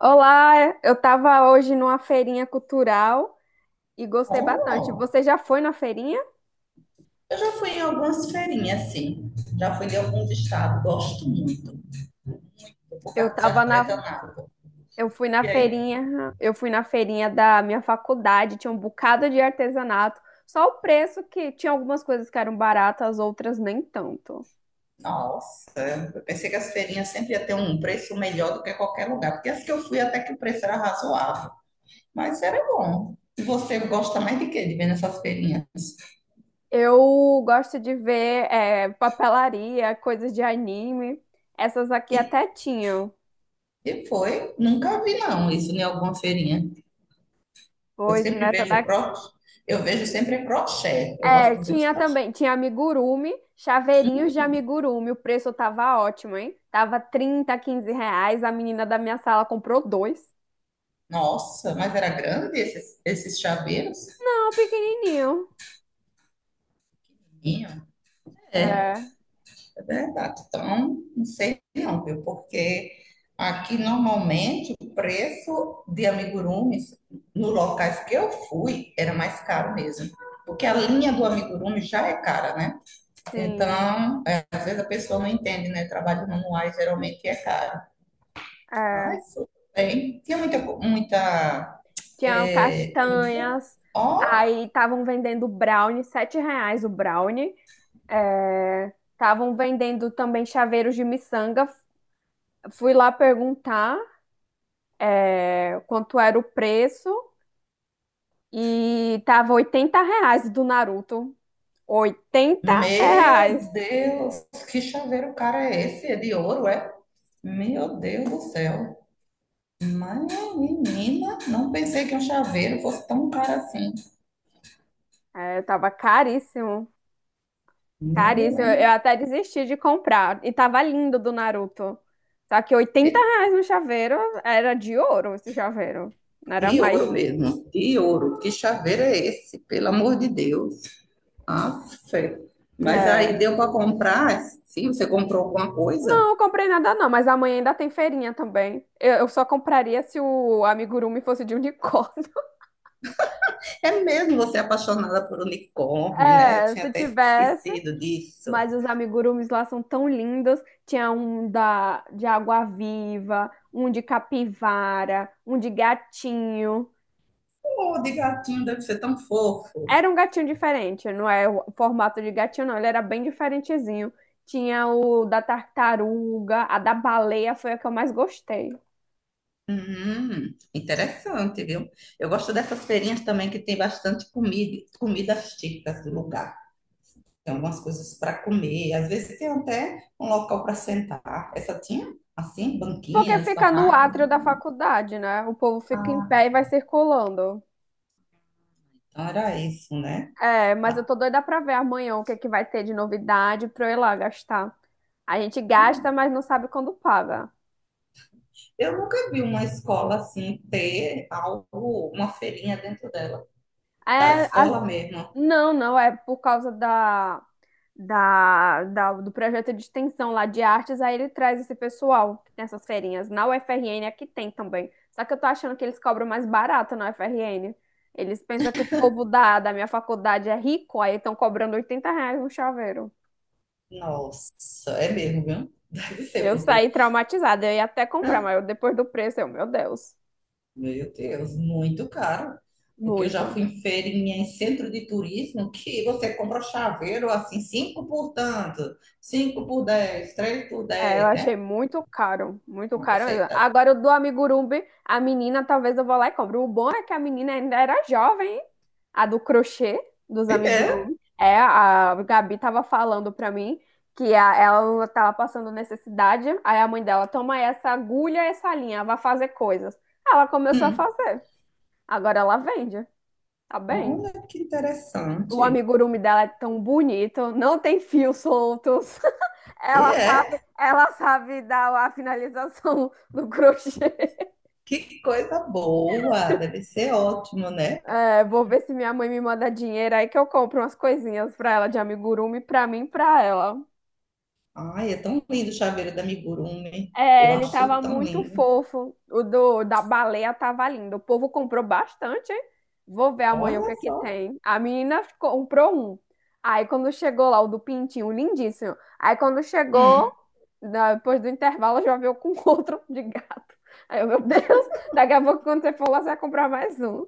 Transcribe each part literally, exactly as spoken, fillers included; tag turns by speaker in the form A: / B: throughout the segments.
A: Olá, eu estava hoje numa feirinha cultural e gostei bastante.
B: Oh,
A: Você já foi na feirinha?
B: eu já fui em algumas feirinhas, sim. Já fui em alguns estados, gosto muito. Vou por
A: Eu
B: causa dos
A: tava na,
B: artesanatos.
A: eu fui na
B: E aí,
A: feirinha, Eu fui na feirinha da minha faculdade. Tinha um bocado de artesanato, só o preço que tinha algumas coisas que eram baratas, outras nem tanto.
B: nossa, eu pensei que as feirinhas sempre ia ter um preço melhor do que qualquer lugar, porque as que eu fui até que o preço era razoável, mas era bom. E você gosta mais de quê de ver nessas feirinhas?
A: Eu gosto de ver é, papelaria, coisas de anime. Essas aqui
B: E,
A: até tinham,
B: e foi, nunca vi não isso em alguma feirinha. Eu
A: pois
B: sempre
A: nessa
B: vejo
A: daqui...
B: crochê, eu vejo sempre crochê, eu
A: É,
B: gosto de ver os
A: tinha
B: crochê.
A: também, tinha amigurumi, chaveirinhos de amigurumi. O preço tava ótimo, hein? Tava trinta, quinze reais. A menina da minha sala comprou dois.
B: Nossa, mas era grande esses, esses chaveiros?
A: Não, pequenininho.
B: Tinha. É,
A: É,
B: é verdade. Então, não sei não, viu? Porque aqui normalmente o preço de amigurumis nos locais que eu fui era mais caro mesmo. Porque a linha do amigurumi já é cara, né?
A: sim.
B: Então, é, às vezes a pessoa não entende, né? Trabalho manuais geralmente é caro.
A: É.
B: Mas tudo bem. Tinha muita, muita
A: Tinha
B: é, comida.
A: castanhas.
B: Ó,
A: Aí estavam vendendo brownie, sete reais o brownie. É, estavam vendendo também chaveiros de miçanga. Fui lá perguntar é, quanto era o preço e tava oitenta reais do Naruto. Oitenta
B: meu
A: reais.
B: Deus, que chaveiro cara é esse? É de ouro, é? Meu Deus do céu. Mas, menina, não pensei que um chaveiro fosse tão caro assim.
A: É, tava caríssimo.
B: Meu,
A: Caríssimo. Eu
B: hein?
A: até desisti de comprar. E tava lindo do Naruto. Só que oitenta
B: E
A: reais no chaveiro, era de ouro esse chaveiro. Não era
B: de
A: mais.
B: ouro mesmo, de ouro. Que chaveiro é esse? Pelo amor de Deus. Ah, fé. Mas aí
A: É.
B: deu para comprar? Sim, você comprou alguma coisa?
A: Não, eu comprei nada não, mas amanhã ainda tem feirinha também. Eu, eu só compraria se o amigurumi fosse de unicórnio.
B: É mesmo você é apaixonada por unicórnio, né?
A: É,
B: Tinha
A: se
B: até
A: tivesse.
B: esquecido disso.
A: Mas os amigurumis lá são tão lindos. Tinha um da, de água-viva, um de capivara, um de gatinho.
B: Oh, de gatinho deve ser tão fofo.
A: Era um gatinho diferente, não é o formato de gatinho, não. Ele era bem diferentezinho. Tinha o da tartaruga, a da baleia foi a que eu mais gostei.
B: Hum, interessante, viu? Eu gosto dessas feirinhas também que tem bastante comida, comidas típicas do lugar. Tem algumas coisas para comer, às vezes tem até um local para sentar. Essa tinha, assim,
A: Porque
B: banquinhas,
A: fica no
B: barracas.
A: átrio da faculdade, né? O povo fica em pé e vai circulando.
B: Então era isso, né?
A: É, mas eu
B: Ah,
A: tô doida pra ver amanhã o que que vai ter de novidade pra eu ir lá gastar. A gente gasta,
B: ah,
A: mas não sabe quando paga.
B: eu nunca vi uma escola assim ter algo, uma feirinha dentro dela, da
A: É, as-
B: escola mesmo.
A: não, não, é por causa da, da, da- do projeto de extensão lá de artes, aí ele traz esse pessoal que tem essas feirinhas. Na U F R N aqui tem também. Só que eu tô achando que eles cobram mais barato na U F R N. Eles pensam que o povo da, da minha faculdade é rico, aí estão cobrando oitenta reais um chaveiro.
B: Nossa, é mesmo, viu? Deve ser,
A: Eu saí
B: porque
A: traumatizada, eu ia até comprar, mas eu- depois do preço, eu, meu Deus,
B: meu Deus, muito caro. Porque eu já
A: muito.
B: fui em feirinha em centro de turismo que você compra chaveiro assim, cinco por tanto, cinco por dez, três por
A: É, eu
B: dez,
A: achei
B: né?
A: muito caro, muito
B: Olha
A: caro
B: isso aí,
A: mesmo.
B: tá?
A: Agora, o do amigurumi, a menina, talvez eu vou lá e compro. O bom é que a menina ainda era jovem, hein? A do crochê dos
B: E é.
A: amigurumi. É, a Gabi tava falando pra mim que a- ela tava passando necessidade, aí a mãe dela, toma essa agulha, essa linha, vai fazer coisas. Ela começou a
B: Hum.
A: fazer. Agora ela vende, tá bem?
B: Olha que
A: O
B: interessante.
A: amigurumi dela é tão bonito, não tem fios soltos.
B: E
A: Ela sabe,
B: é.
A: ela sabe dar a finalização do crochê.
B: Que coisa boa. Deve ser ótimo, né?
A: É, vou ver se minha mãe me manda dinheiro aí que eu compro umas coisinhas pra ela de amigurumi, pra mim e pra ela.
B: Ai, é tão lindo o chaveiro da Amigurumi. Eu
A: É, ele
B: acho isso
A: tava
B: tão
A: muito
B: lindo.
A: fofo. O do, da baleia tava lindo. O povo comprou bastante, hein? Vou ver amanhã o que
B: Olha
A: é que
B: só.
A: tem. A menina ficou- comprou um. Aí quando chegou lá, o do pintinho, lindíssimo. Aí quando chegou,
B: Hum.
A: da- depois do intervalo, já veio com outro de gato. Aí eu, meu Deus, daqui a pouco quando você for lá, você vai comprar mais um.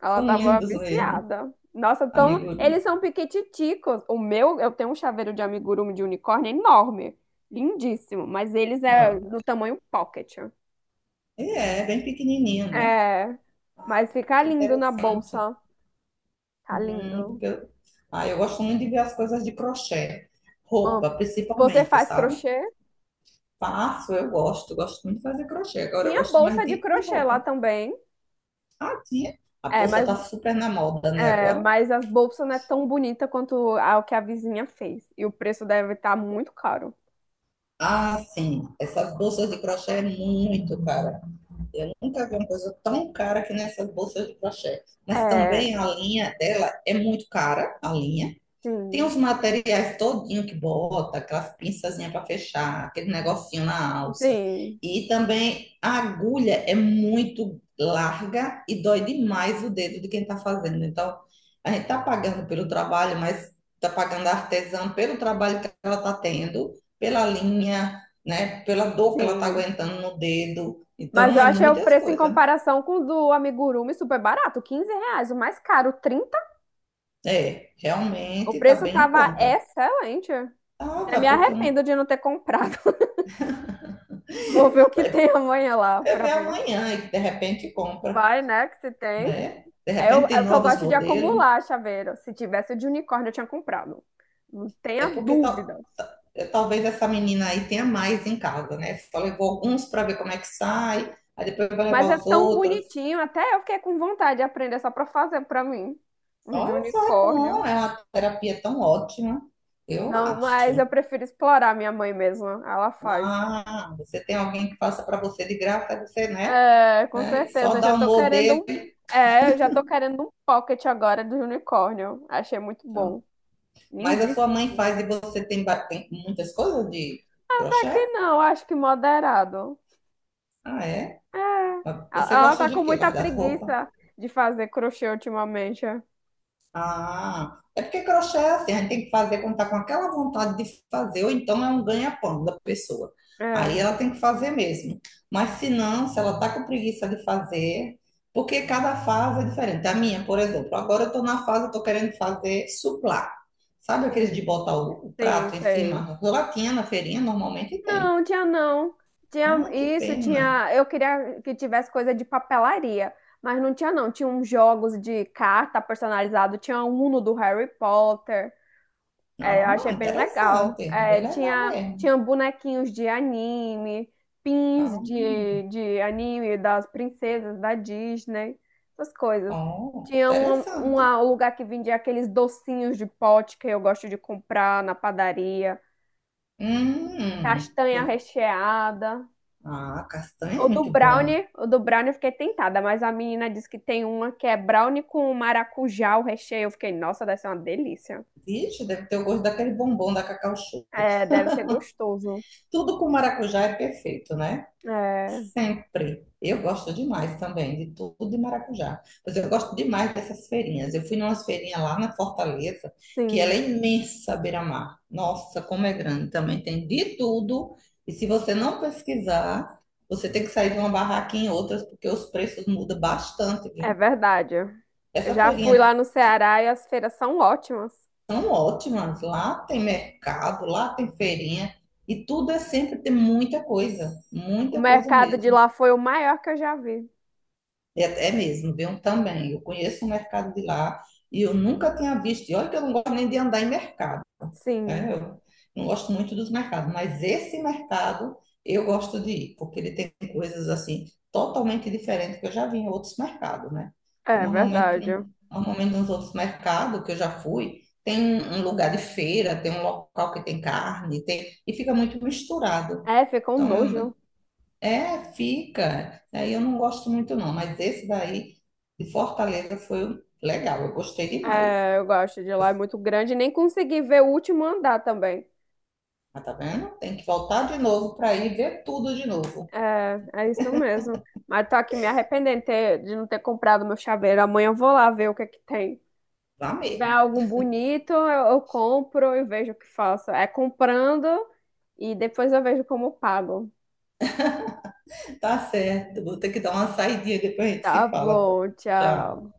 A: Ela
B: São
A: tava
B: lindos mesmo,
A: viciada. Nossa, então
B: Amigurumi.
A: eles são piquititicos. O meu, eu tenho um chaveiro de amigurumi de unicórnio enorme, lindíssimo, mas eles é
B: Olha.
A: do tamanho pocket.
B: E é, bem pequenininho, né?
A: É, mas
B: Ah,
A: fica
B: que
A: lindo na
B: interessante.
A: bolsa. Tá
B: Hum,
A: lindo.
B: porque eu, ah, eu gosto muito de ver as coisas de crochê.
A: Amo.
B: Roupa,
A: Você
B: principalmente,
A: faz
B: sabe?
A: crochê?
B: Faço, eu gosto. Gosto muito de fazer crochê. Agora eu
A: Tinha
B: gosto mais
A: bolsa de
B: de, de
A: crochê lá
B: roupa.
A: também.
B: Ah, tia. A
A: É,
B: bolsa
A: mas,
B: tá super na moda, né,
A: é,
B: agora?
A: mas as bolsas não é tão bonita quanto a que a vizinha fez. E o preço deve estar muito caro.
B: Ah, sim. Essas bolsas de crochê é muito cara. Eu nunca vi uma coisa tão cara que nessas bolsas de crochê. Mas
A: É,
B: também a linha dela é muito cara, a linha. Tem
A: sim,
B: os materiais todinho que bota, aquelas pinçazinhas para fechar, aquele negocinho na alça.
A: sim,
B: E também a agulha é muito larga e dói demais o dedo de quem está fazendo. Então, a gente está pagando pelo trabalho, mas está pagando a artesã pelo trabalho que ela está tendo, pela linha, né? Pela dor que ela está
A: sim.
B: aguentando no dedo.
A: Mas
B: Então,
A: eu
B: é
A: achei o
B: muitas
A: preço em
B: coisas.
A: comparação com o do amigurumi super barato, quinze reais. O mais caro, trinta.
B: É,
A: O
B: realmente está
A: preço
B: bem em
A: tava
B: conta.
A: excelente.
B: Ah,
A: Até me
B: vai porque um...
A: arrependo de não ter comprado. Vou ver o que tem amanhã lá
B: Você
A: pra
B: vê
A: ver.
B: amanhã e de repente compra,
A: Vai, né, que se tem.
B: né? De
A: É o,
B: repente tem
A: é o que eu
B: novos
A: gosto de
B: modelos.
A: acumular, chaveiro. Se tivesse o de unicórnio, eu tinha comprado. Não
B: É
A: tenha
B: porque tal-
A: dúvidas.
B: é, talvez essa menina aí tenha mais em casa, né? Só levou alguns para ver como é que sai, aí depois vai levar
A: Mas é
B: os
A: tão
B: outros.
A: bonitinho. Até eu fiquei com vontade de aprender só pra fazer pra mim. Os de
B: Olha só, é
A: unicórnio.
B: bom, é uma terapia tão ótima, eu
A: Não, mas eu
B: acho.
A: prefiro explorar minha mãe mesmo. Ela faz.
B: Ah, você tem alguém que faça para você de graça, você, né?
A: É, com
B: É, e só
A: certeza. Já
B: dá o
A: tô querendo
B: modelo.
A: um. É, eu já tô querendo um pocket agora do unicórnio. Achei muito
B: Então.
A: bom.
B: Mas a sua
A: Lindíssimo.
B: mãe faz e você tem, ba- tem muitas coisas de
A: Ah, tá que
B: crochê?
A: não, acho que moderado.
B: Ah, é?
A: É. Ela
B: Você
A: ela
B: gosta
A: tá
B: de
A: com
B: quê?
A: muita
B: Mais das roupas?
A: preguiça de fazer crochê ultimamente.
B: Ah, é porque crochê é assim, a gente tem que fazer quando tá com aquela vontade de fazer, ou então é um ganha-pão da pessoa.
A: É,
B: Aí ela tem que fazer mesmo. Mas se não, se ela tá com preguiça de fazer, porque cada fase é diferente. A minha, por exemplo, agora eu tô na fase, eu tô querendo fazer suplá. Sabe aqueles de
A: sim,
B: botar o, o
A: sim,
B: prato em
A: sei.
B: cima? Latinha na feirinha normalmente tem.
A: Não, tinha não. Tinha
B: Ah, que
A: isso,
B: pena.
A: tinha. Eu queria que tivesse coisa de papelaria, mas não tinha não. Tinha uns jogos de carta personalizado, tinha um Uno do Harry Potter. É, eu
B: Não,
A: achei bem legal.
B: interessante, bem
A: É,
B: legal
A: tinha,
B: mesmo.
A: tinha bonequinhos de anime, pins
B: Ah.
A: de, de anime das princesas da Disney, essas coisas.
B: Oh,
A: Tinha um,
B: interessante.
A: uma- um lugar que vendia aqueles docinhos de pote que eu gosto de comprar na padaria,
B: Hum,
A: castanha
B: do-
A: recheada.
B: ah, castanha
A: O
B: é
A: do
B: muito bom.
A: brownie, o do brownie eu fiquei tentada, mas a menina disse que tem uma que é brownie com maracujá, o recheio. Eu fiquei, nossa, deve ser uma delícia.
B: Vixe, deve ter o gosto daquele bombom da Cacau Show.
A: É, deve ser gostoso.
B: Tudo com maracujá é perfeito, né?
A: É,
B: Sempre. Eu gosto demais também de tudo de maracujá. Pois eu gosto demais dessas feirinhas. Eu fui numa feirinha lá na Fortaleza, que ela
A: sim.
B: é imensa, à beira-mar. Nossa, como é grande. Também tem de tudo. E se você não pesquisar, você tem que sair de uma barraquinha em outras, porque os preços mudam bastante,
A: É
B: viu?
A: verdade. Eu
B: Essa
A: já
B: feirinha
A: fui lá
B: é
A: no Ceará e as feiras são ótimas.
B: tão ótima. Lá tem mercado, lá tem feirinha. E tudo é sempre, tem muita coisa,
A: O
B: muita coisa
A: mercado de
B: mesmo.
A: lá foi o maior que eu já vi.
B: E até é mesmo, viu? Também. Eu conheço o mercado de lá e eu nunca tinha visto. E olha que eu não gosto nem de andar em mercado.
A: Sim,
B: É, eu não gosto muito dos mercados, mas esse mercado eu gosto de ir, porque ele tem coisas assim totalmente diferentes que eu já vi em outros mercados, né? Porque
A: é
B: normalmente,
A: verdade.
B: normalmente nos outros mercados que eu já fui, tem um um lugar de feira, tem um local que tem carne, tem, e fica muito misturado.
A: É, fica um
B: Então,
A: nojo.
B: eu- é, fica. Aí eu não gosto muito não, mas esse daí de Fortaleza foi legal, eu gostei demais.
A: É, eu gosto de lá, é muito grande. Nem consegui ver o último andar também.
B: Mas tá vendo? Tem que voltar de novo para ir ver tudo de novo.
A: É, é isso mesmo. Mas tô aqui me arrependendo de ter- de não ter comprado meu chaveiro. Amanhã eu vou lá ver o que é que tem.
B: Vá
A: Se tiver
B: mesmo.
A: algum bonito, eu, eu compro e vejo o que faço. É comprando e depois eu vejo como pago.
B: Tá certo. Vou ter que dar uma saidinha, depois a gente
A: Tá
B: se fala, então.
A: bom, tchau.
B: Tchau.